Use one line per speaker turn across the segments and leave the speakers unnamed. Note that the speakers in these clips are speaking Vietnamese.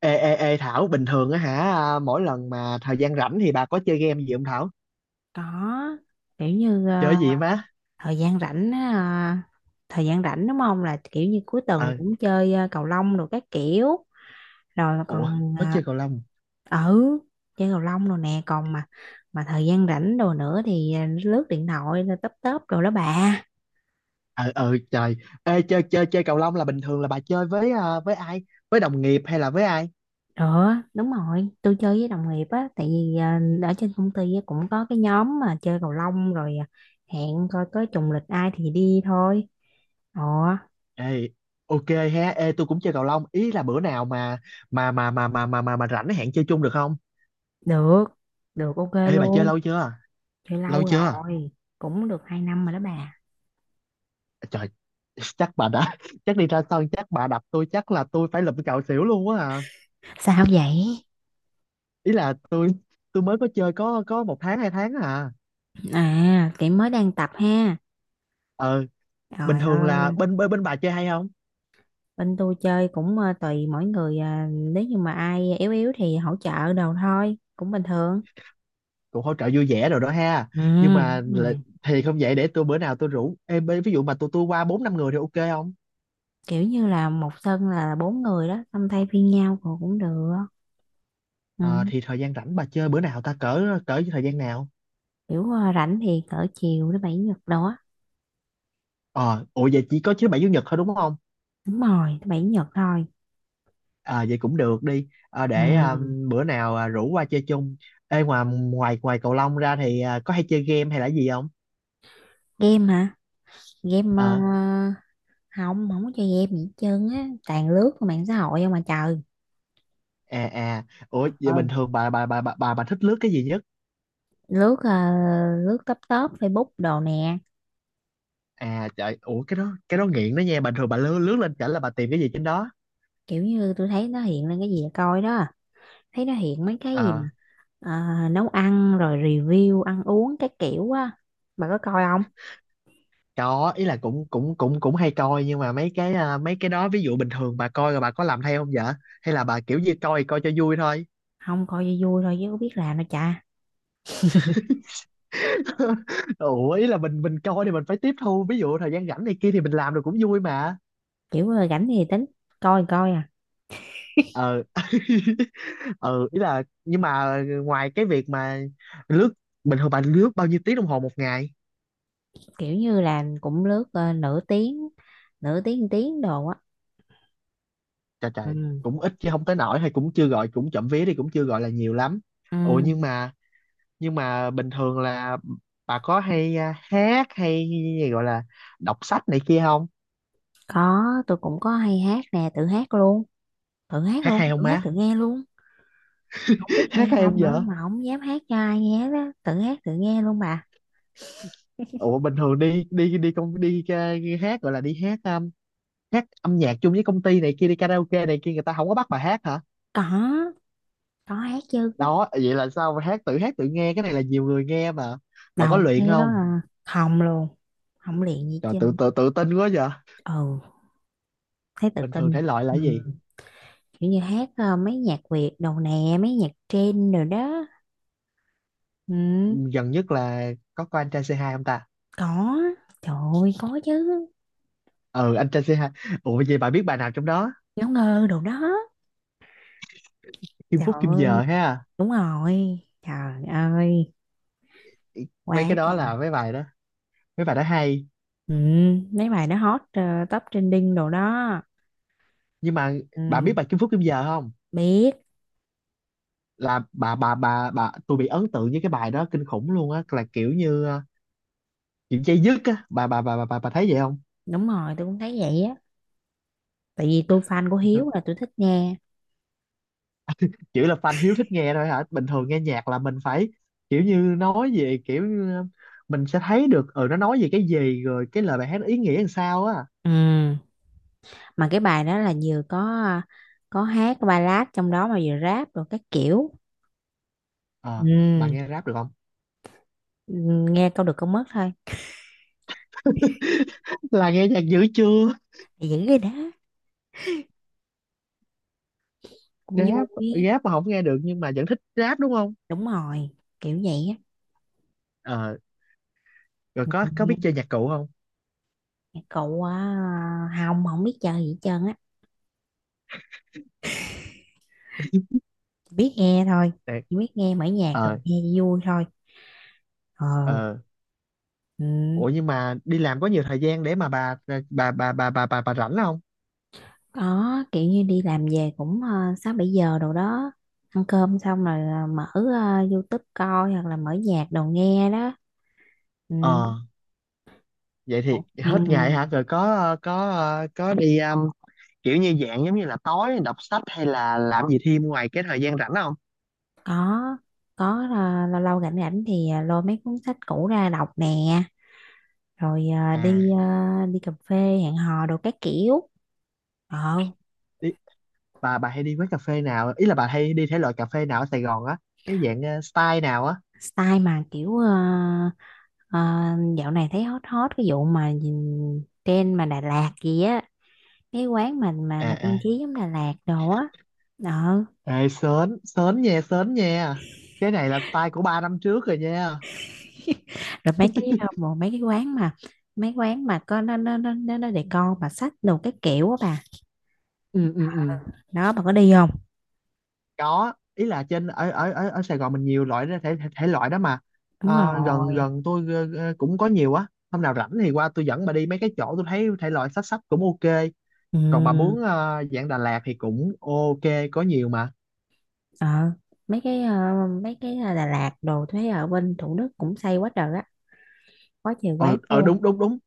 Ê, ê, ê Thảo, bình thường á hả, mỗi lần mà thời gian rảnh thì bà có chơi game gì không Thảo?
Có, kiểu như
Chơi gì má?
thời gian rảnh á, ờ, thời gian rảnh đúng không là kiểu như cuối tuần
Ờ,
cũng chơi cầu lông rồi các kiểu rồi
ủa,
còn
có chơi cầu lông.
ừ chơi cầu lông rồi nè còn mà thời gian rảnh đồ nữa thì lướt điện thoại rồi tấp tấp rồi đó bà.
Ờ, ờ, trời. Ê, chơi cầu lông là bình thường là bà chơi với ai? Với đồng nghiệp hay là với ai?
Được, đúng rồi, tôi chơi với đồng nghiệp á, tại vì ở trên công ty á, cũng có cái nhóm mà chơi cầu lông rồi, à, hẹn coi có trùng lịch ai thì đi thôi. Ồ,
Ê, ok ha, ê, tôi cũng chơi cầu lông. Ý là bữa nào mà rảnh hẹn chơi chung được không?
được được ok
Ê, bà chơi
luôn.
lâu chưa?
Thì
Lâu
lâu
chưa?
rồi, cũng được 2 năm rồi đó bà.
Trời, chắc bà đã, chắc đi ra sân, chắc bà đập tôi, chắc là tôi phải lụm cạo xỉu luôn á à.
Sao vậy?
Ý là tôi mới có chơi có 1 tháng 2 tháng
À, chị mới đang tập ha.
ờ Bình
Trời
thường
ơi.
là bên bên bên bà chơi hay không?
Bên tôi chơi cũng tùy mỗi người à, nếu như mà ai yếu yếu thì hỗ trợ đồ thôi cũng bình thường.
Cũng hỗ trợ vui vẻ rồi đó ha.
Ừ,
Nhưng mà
đúng
là-
rồi,
thì không, vậy để tôi bữa nào tôi rủ em, ví dụ mà tôi qua bốn năm người thì ok không?
kiểu như là một sân là bốn người đó xong thay phiên nhau cũng cũng được. Ừ.
Ờ thì thời gian rảnh bà chơi bữa nào ta, cỡ cỡ thời gian nào?
Kiểu rảnh thì cỡ chiều thứ bảy chủ nhật đó.
Ờ Ủa vậy chỉ có thứ bảy chủ nhật thôi đúng không?
Đúng rồi, thứ bảy chủ nhật thôi.
À vậy cũng được đi, để
Ừ.
bữa nào rủ qua chơi chung. Ê, ngoài ngoài ngoài cầu lông ra thì có hay chơi game hay là gì không?
Game hả? Game
Ờ.
không, không có chơi game gì hết trơn á, toàn lướt qua mạng xã hội không mà trời.
À, à. Ủa vậy
Ờ,
bình thường bà thích lướt cái gì nhất?
lướt lướt top top Facebook đồ nè.
À trời, ủa, cái đó nghiện đó nha. Bình thường bà lướt lướt lên chảnh là bà tìm cái gì trên đó?
Kiểu như tôi thấy nó hiện lên cái gì là coi đó, thấy nó hiện mấy cái
Ờ,
gì mà nấu ăn rồi review ăn uống cái kiểu á. Bà có coi không?
có, ý là cũng cũng cũng cũng hay coi, nhưng mà mấy cái đó ví dụ bình thường bà coi rồi bà có làm theo không vậy? Hay là bà kiểu như coi coi cho vui thôi?
Không, coi cho vui thôi chứ có biết làm đâu cha.
Ủa ý là mình coi thì mình phải tiếp thu, ví dụ thời gian rảnh này kia thì mình làm được cũng vui mà.
Kiểu rảnh thì tính, coi thì coi à.
Ờ. Ừ, ý là nhưng mà ngoài cái việc mà lướt, bình thường bà lướt bao nhiêu tiếng đồng hồ một ngày?
Kiểu như là cũng lướt nửa tiếng, nửa tiếng tiếng đồ á.
Trời trời.
Ừ.
Cũng ít chứ không tới nổi, hay cũng chưa gọi, cũng chậm vía đi cũng chưa gọi là nhiều lắm.
Ừ,
Ủa nhưng mà bình thường là bà có hay hát hay gì gọi là đọc sách này kia không?
có, tôi cũng có hay hát nè, tự hát luôn, thử hát
Hát
luôn,
hay không
thử hát thử
má?
nghe luôn. Không biết
Hát
hay
hay không
không nữa
vợ?
mà không dám hát cho ai nghe đó, thử hát tự nghe luôn bà.
Ủa bình thường đi đi đi công hát gọi là đi hát hát âm nhạc chung với công ty này kia đi karaoke này kia người ta không có bắt bà hát hả?
có có hát chứ.
Đó vậy là sao mà hát tự nghe, cái này là nhiều người nghe mà. Bà có
Đầu
luyện
thế đó
không?
là không luôn. Không luyện gì
Trời,
chứ.
tự tự tự tin quá vậy.
Ừ, thấy tự
Bình thường
tin.
thể loại là
Ừ.
cái gì?
Kiểu như hát mấy nhạc Việt đồ nè, mấy nhạc trend rồi đó. Ừ.
Gần nhất là có coi anh trai C2 không ta?
Có. Trời ơi, có chứ.
Ừ, anh trai C2. Ủa vậy bà biết bài nào trong đó?
Ngáo ngơ đồ đó.
Kim
Trời
Phúc Kim Giờ
ơi,
ha?
đúng rồi, trời ơi,
Mấy
quá
cái đó
trời.
là mấy bài đó. Mấy bài đó hay.
Ừ. Mấy bài nó hot top trending đồ đó.
Nhưng mà bà
Ừ,
biết bài Kim Phúc Kim Giờ không?
biết,
Là bà tôi bị ấn tượng với cái bài đó kinh khủng luôn á, là kiểu như kiểu dây dứt á. Bà thấy vậy không?
đúng rồi, tôi cũng thấy vậy á. Tại vì tôi fan của Hiếu là tôi thích nghe.
Kiểu là fan hiếu thích nghe thôi hả? Bình thường nghe nhạc là mình phải kiểu như nói về kiểu như, mình sẽ thấy được ừ nó nói về cái gì rồi cái lời bài hát ý nghĩa làm sao á.
Ừ, mà cái bài đó là vừa có hát ballad trong đó mà vừa rap rồi các kiểu.
Ờ. Bà
Ừ,
nghe rap được không?
ừ, nghe câu được câu mất thôi.
Là nghe nhạc dữ chưa?
Thì giữ cái đó cũng
Rap,
vui.
rap mà không nghe được nhưng mà vẫn thích rap đúng không?
Đúng rồi, kiểu vậy á.
Ờ. Rồi có
Ừ,
có biết chơi nhạc cụ không?
cậu à, Hồng không biết chơi gì hết trơn á. Chỉ biết nghe thôi,
Để.
chỉ biết nghe, mở nhạc rồi
Ờ.
nghe cho vui thôi. Ờ,
Ờ.
ừ.
Ủa nhưng mà đi làm có nhiều thời gian để mà bà rảnh không?
Có, kiểu như đi làm về cũng 6-7 giờ đồ đó, ăn cơm xong rồi mở YouTube coi hoặc là mở nhạc đồ nghe đó. Ừ.
ờ Vậy thì hết ngày
Ừ.
hả, rồi có đi kiểu như dạng giống như là tối đọc sách hay là làm gì thêm ngoài cái thời gian rảnh không
Có có lâu lâu rảnh rảnh thì lôi mấy cuốn sách cũ ra đọc nè, rồi
à?
đi cà phê, hẹn hò đồ các kiểu. Ờ,
Đi, bà hay đi quán cà phê nào, ý là bà hay đi thể loại cà phê nào ở Sài Gòn á? Cái dạng style nào á?
style mà kiểu ờ, dạo này thấy hot hot cái vụ mà nhìn trend mà Đà Lạt gì á, cái quán mình mà
À
mà trang
à.
trí giống Đà Lạt đồ á, đó.
Ê, sến, sến nha, sến nha. Cái này là style của 3 năm trước rồi nha.
Rồi mấy cái bộ mấy cái quán mà mấy quán mà có nó để con mà sách đồ cái kiểu á bà.
Ừ ừ ừ.
Đó, bà có đi không?
Có, ý là trên ở Sài Gòn mình nhiều loại đó, thể, thể thể loại đó mà.
Đúng
Ờ, gần
rồi.
gần tôi cũng có nhiều á. Hôm nào rảnh thì qua tôi dẫn bà đi mấy cái chỗ tôi thấy thể loại sách sách cũng ok. Còn bà
Ừ.
muốn dạng Đà Lạt thì cũng ok, có nhiều mà.
Ờ, mấy cái Đà Lạt đồ thấy ở bên Thủ Đức cũng xây quá trời á, có nhiều
Ờ
quán
ờ
luôn.
đúng đúng đúng,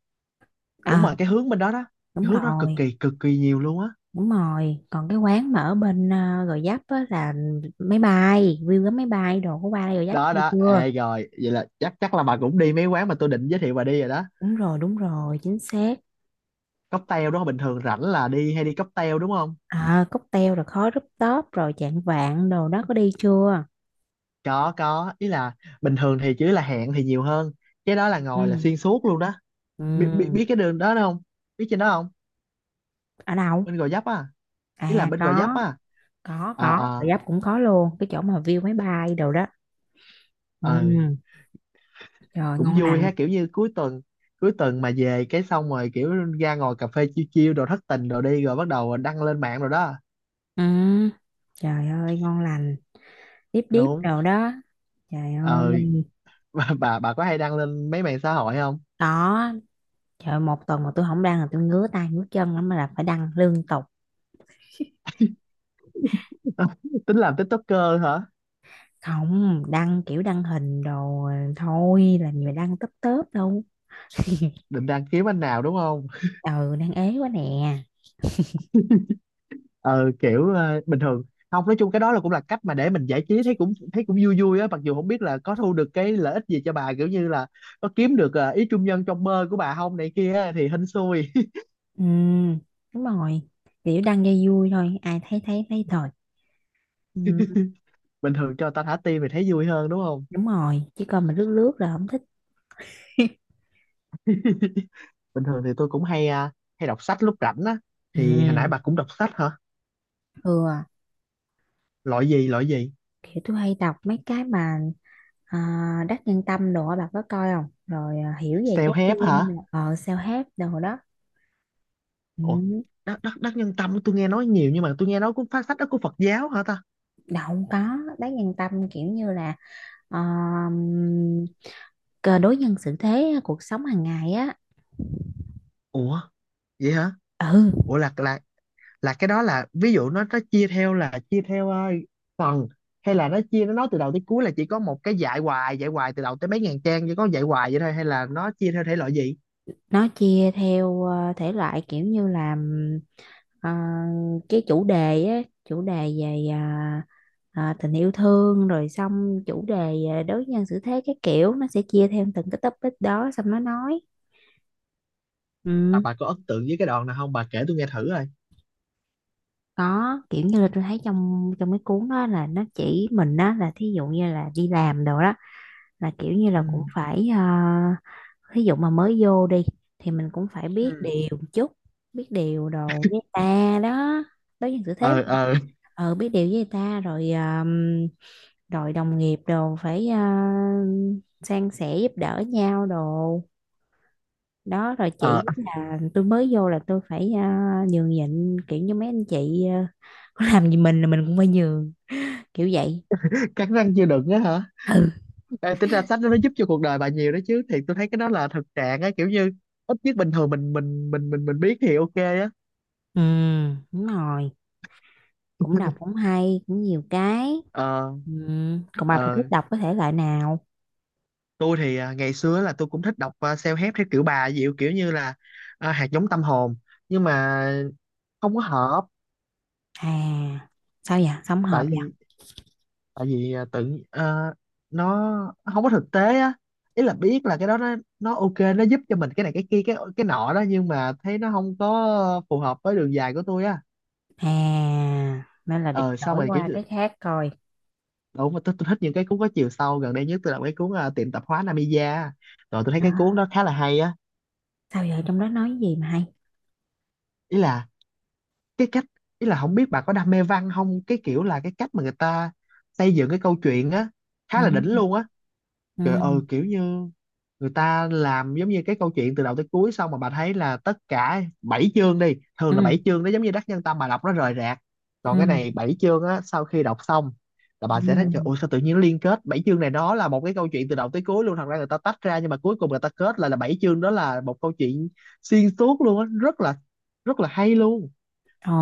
đúng
Ờ,
mà cái hướng bên đó đó.
đúng
Cái hướng đó
rồi,
cực kỳ nhiều luôn á.
đúng rồi. Còn cái quán mà ở bên Gò Vấp á là máy bay view cái máy bay đồ của ba Gò Vấp
Đó
chưa
đó,
chưa?
ê rồi, vậy là chắc chắc là bà cũng đi mấy quán mà tôi định giới thiệu bà đi rồi đó.
Đúng rồi, đúng rồi, chính xác.
Cocktail đúng không, bình thường rảnh là đi hay đi cocktail đúng không?
À, cocktail rồi khói rooftop top rồi chạng vạng đồ đó, có đi chưa?
Có, ý là bình thường thì chỉ là hẹn thì nhiều hơn, cái đó là ngồi là
Ừ.
xuyên suốt luôn đó. Biết biết biết
Ừ.
cái đường đó không? Biết trên đó không?
Ở đâu?
Bên Gò Vấp á. Ý là
À,
bên Gò Vấp
có
á.
có
Ờ
có Bà
ờ
Giáp cũng có luôn cái chỗ mà view máy bay đồ đó.
ờ.
Ừ. Trời,
Cũng
ngon
vui
lành.
ha, kiểu như cuối tuần, cuối tuần mà về cái xong rồi kiểu ra ngồi cà phê chiêu chiêu đồ thất tình đồ đi rồi bắt đầu đăng lên mạng rồi đó.
Ừ. Trời ơi, ngon lành, điếp điếp
Đúng.
đồ đó. Trời
Ờ.
ơi.
Bà có hay đăng lên mấy mạng xã hội không?
Có, trời ơi, một tuần mà tôi không đăng là tôi ngứa tay ngứa chân lắm mà, là phải đăng liên tục.
Tính làm TikToker hả?
Không, đăng kiểu đăng hình đồ thôi, làm gì mà đăng tấp tớp đâu.
Định đăng kiếm anh nào đúng không?
Ừ, đang ế quá nè.
Ờ Kiểu bình thường không, nói chung cái đó là cũng là cách mà để mình giải trí, thấy cũng vui vui á, mặc dù không biết là có thu được cái lợi ích gì cho bà kiểu như là có kiếm được ý trung nhân trong mơ của bà không này kia á, thì hên xui.
Ừ, đúng rồi. Kiểu đăng dây vui thôi, ai thấy thấy thấy thôi. Ừ,
Bình thường cho ta thả tim thì thấy vui hơn đúng không?
đúng rồi, chứ còn mà lướt lướt là không thích.
Bình thường thì tôi cũng hay hay đọc sách lúc rảnh á.
Ừ,
Thì hồi nãy bà cũng đọc sách hả?
ừ,
Loại gì loại gì?
kiểu tôi hay đọc mấy cái mà à, Đắc Nhân Tâm đồ á, bà có coi không? Rồi à, hiểu về trái
Self help hả?
tim, rồi, self help đồ đó.
Ủa,
Ừ,
đắc đắc đắc nhân tâm tôi nghe nói nhiều nhưng mà tôi nghe nói cũng phát sách đó của Phật giáo hả ta?
đâu không có, Đắc Nhân Tâm kiểu như là ờ, cờ đối nhân xử thế cuộc sống hàng ngày á.
Ủa vậy hả?
Ừ,
Ủa là là cái đó là ví dụ nó chia theo là chia theo phần, hay là nó chia nó nói từ đầu tới cuối là chỉ có một cái dạy hoài từ đầu tới mấy ngàn trang chỉ có dạy hoài vậy thôi hay là nó chia theo thể loại gì?
nó chia theo thể loại kiểu như là ờ, cái chủ đề á, chủ đề về tình yêu thương rồi xong chủ đề à, đối nhân xử thế, cái kiểu nó sẽ chia theo từng cái topic đó xong nó nói.
bà
Ừ,
bà có ấn tượng với cái đoạn nào không, bà kể tôi nghe thử rồi.
có, kiểu như là tôi thấy trong trong cái cuốn đó là nó chỉ mình đó, là thí dụ như là đi làm đồ đó, là kiểu như
Ừ.
là cũng phải à, thí dụ mà mới vô đi thì mình cũng phải biết
Ừ.
điều một chút, biết điều đồ với ta đó, đối nhân xử thế.
Ờ ờ
Ờ, biết điều với người ta rồi rồi đồng nghiệp đồ phải san sẻ giúp đỡ nhau đồ đó, rồi
ờ.
chỉ là tôi mới vô là tôi phải nhường nhịn kiểu như mấy anh chị có làm gì mình là mình cũng phải nhường, kiểu vậy.
Cắn răng chưa đựng á hả? Ê, tính ra sách đó nó giúp cho cuộc đời bà nhiều đó chứ, thì tôi thấy cái đó là thực trạng á, kiểu như ít nhất bình thường mình biết thì ok á.
Ừ, đúng rồi, cũng đọc cũng hay cũng nhiều cái.
Ờ.
Ừ. Còn bà
Ờ.
thích đọc có thể loại nào?
Tôi thì ngày xưa là tôi cũng thích đọc self-help theo kiểu bà dịu kiểu như là hạt giống tâm hồn, nhưng mà không có hợp.
À, sao vậy, sống hợp
tại
vậy?
vì tại vì nó nó không có thực tế á. Ý là biết là cái đó nó ok, nó giúp cho mình cái này cái kia cái nọ đó, nhưng mà thấy nó không có phù hợp với đường dài của tôi á.
À, nên là định
Ờ xong
đổi
rồi kiểu
qua
như-
cái khác coi.
đúng mà tôi thích những cái cuốn có chiều sâu. Gần đây nhất tôi đọc cái cuốn tiệm tạp hóa Namiya, rồi tôi thấy
À,
cái cuốn đó khá là hay á.
sao vậy, trong đó nói gì mà hay?
Ý là cái cách, ý là không biết bà có đam mê văn không, cái kiểu là cái cách mà người ta xây dựng cái câu chuyện á, khá
Ừ.
là đỉnh luôn á. Trời ơi
Ừ,
kiểu như người ta làm giống như cái câu chuyện từ đầu tới cuối xong mà bà thấy là tất cả bảy chương đi, thường là
ừ.
bảy chương nó giống như Đắc Nhân Tâm bà đọc nó rời rạc.
Ừ,
Còn cái này bảy chương á, sau khi đọc xong là bà sẽ thấy trời ơi
ừ.
sao tự nhiên nó liên kết bảy chương này nó là một cái câu chuyện từ đầu tới cuối luôn. Thật ra người ta tách ra nhưng mà cuối cùng người ta kết lại là bảy chương đó là một câu chuyện xuyên suốt luôn á, rất là hay luôn.
Ồ,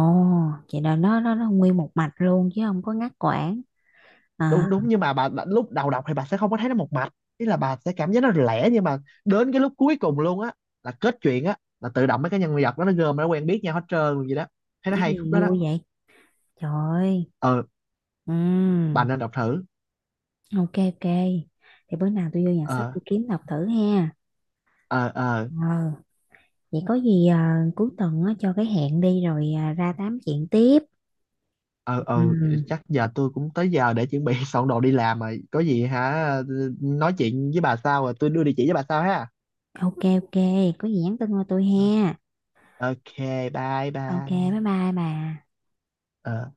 vậy là nó nguyên một mạch luôn chứ không có ngắt quãng, à.
Đúng đúng, nhưng mà bà lúc đầu đọc thì bà sẽ không có thấy nó một mạch, ý là bà sẽ cảm giác nó lẻ, nhưng mà đến cái lúc cuối cùng luôn á, là kết chuyện á, là tự động mấy cái nhân vật đó nó gom nó quen biết nhau hết trơn gì đó, thấy nó
Cái
hay khúc
gì
đó đó.
vui vậy? Trời ơi.
Ờ.
Ừ.
Bà nên đọc thử.
Ok, ok, thì bữa nào tôi vô nhà sách
Ờ
tôi kiếm đọc thử ha.
ờ ờ
Ờ. Vậy có gì à, cuối tuần á, cho cái hẹn đi rồi à, ra tám chuyện tiếp.
ờ ờ.
Ừ.
Chắc giờ tôi cũng tới giờ để chuẩn bị soạn đồ đi làm rồi có gì hả, nói chuyện với bà sau rồi tôi đưa địa chỉ với bà sau ha.
Ok, ok, có gì nhắn tin qua tôi
Ờ,
ha.
ok, bye
Ok, bye
bye.
bye bà.
Ờ.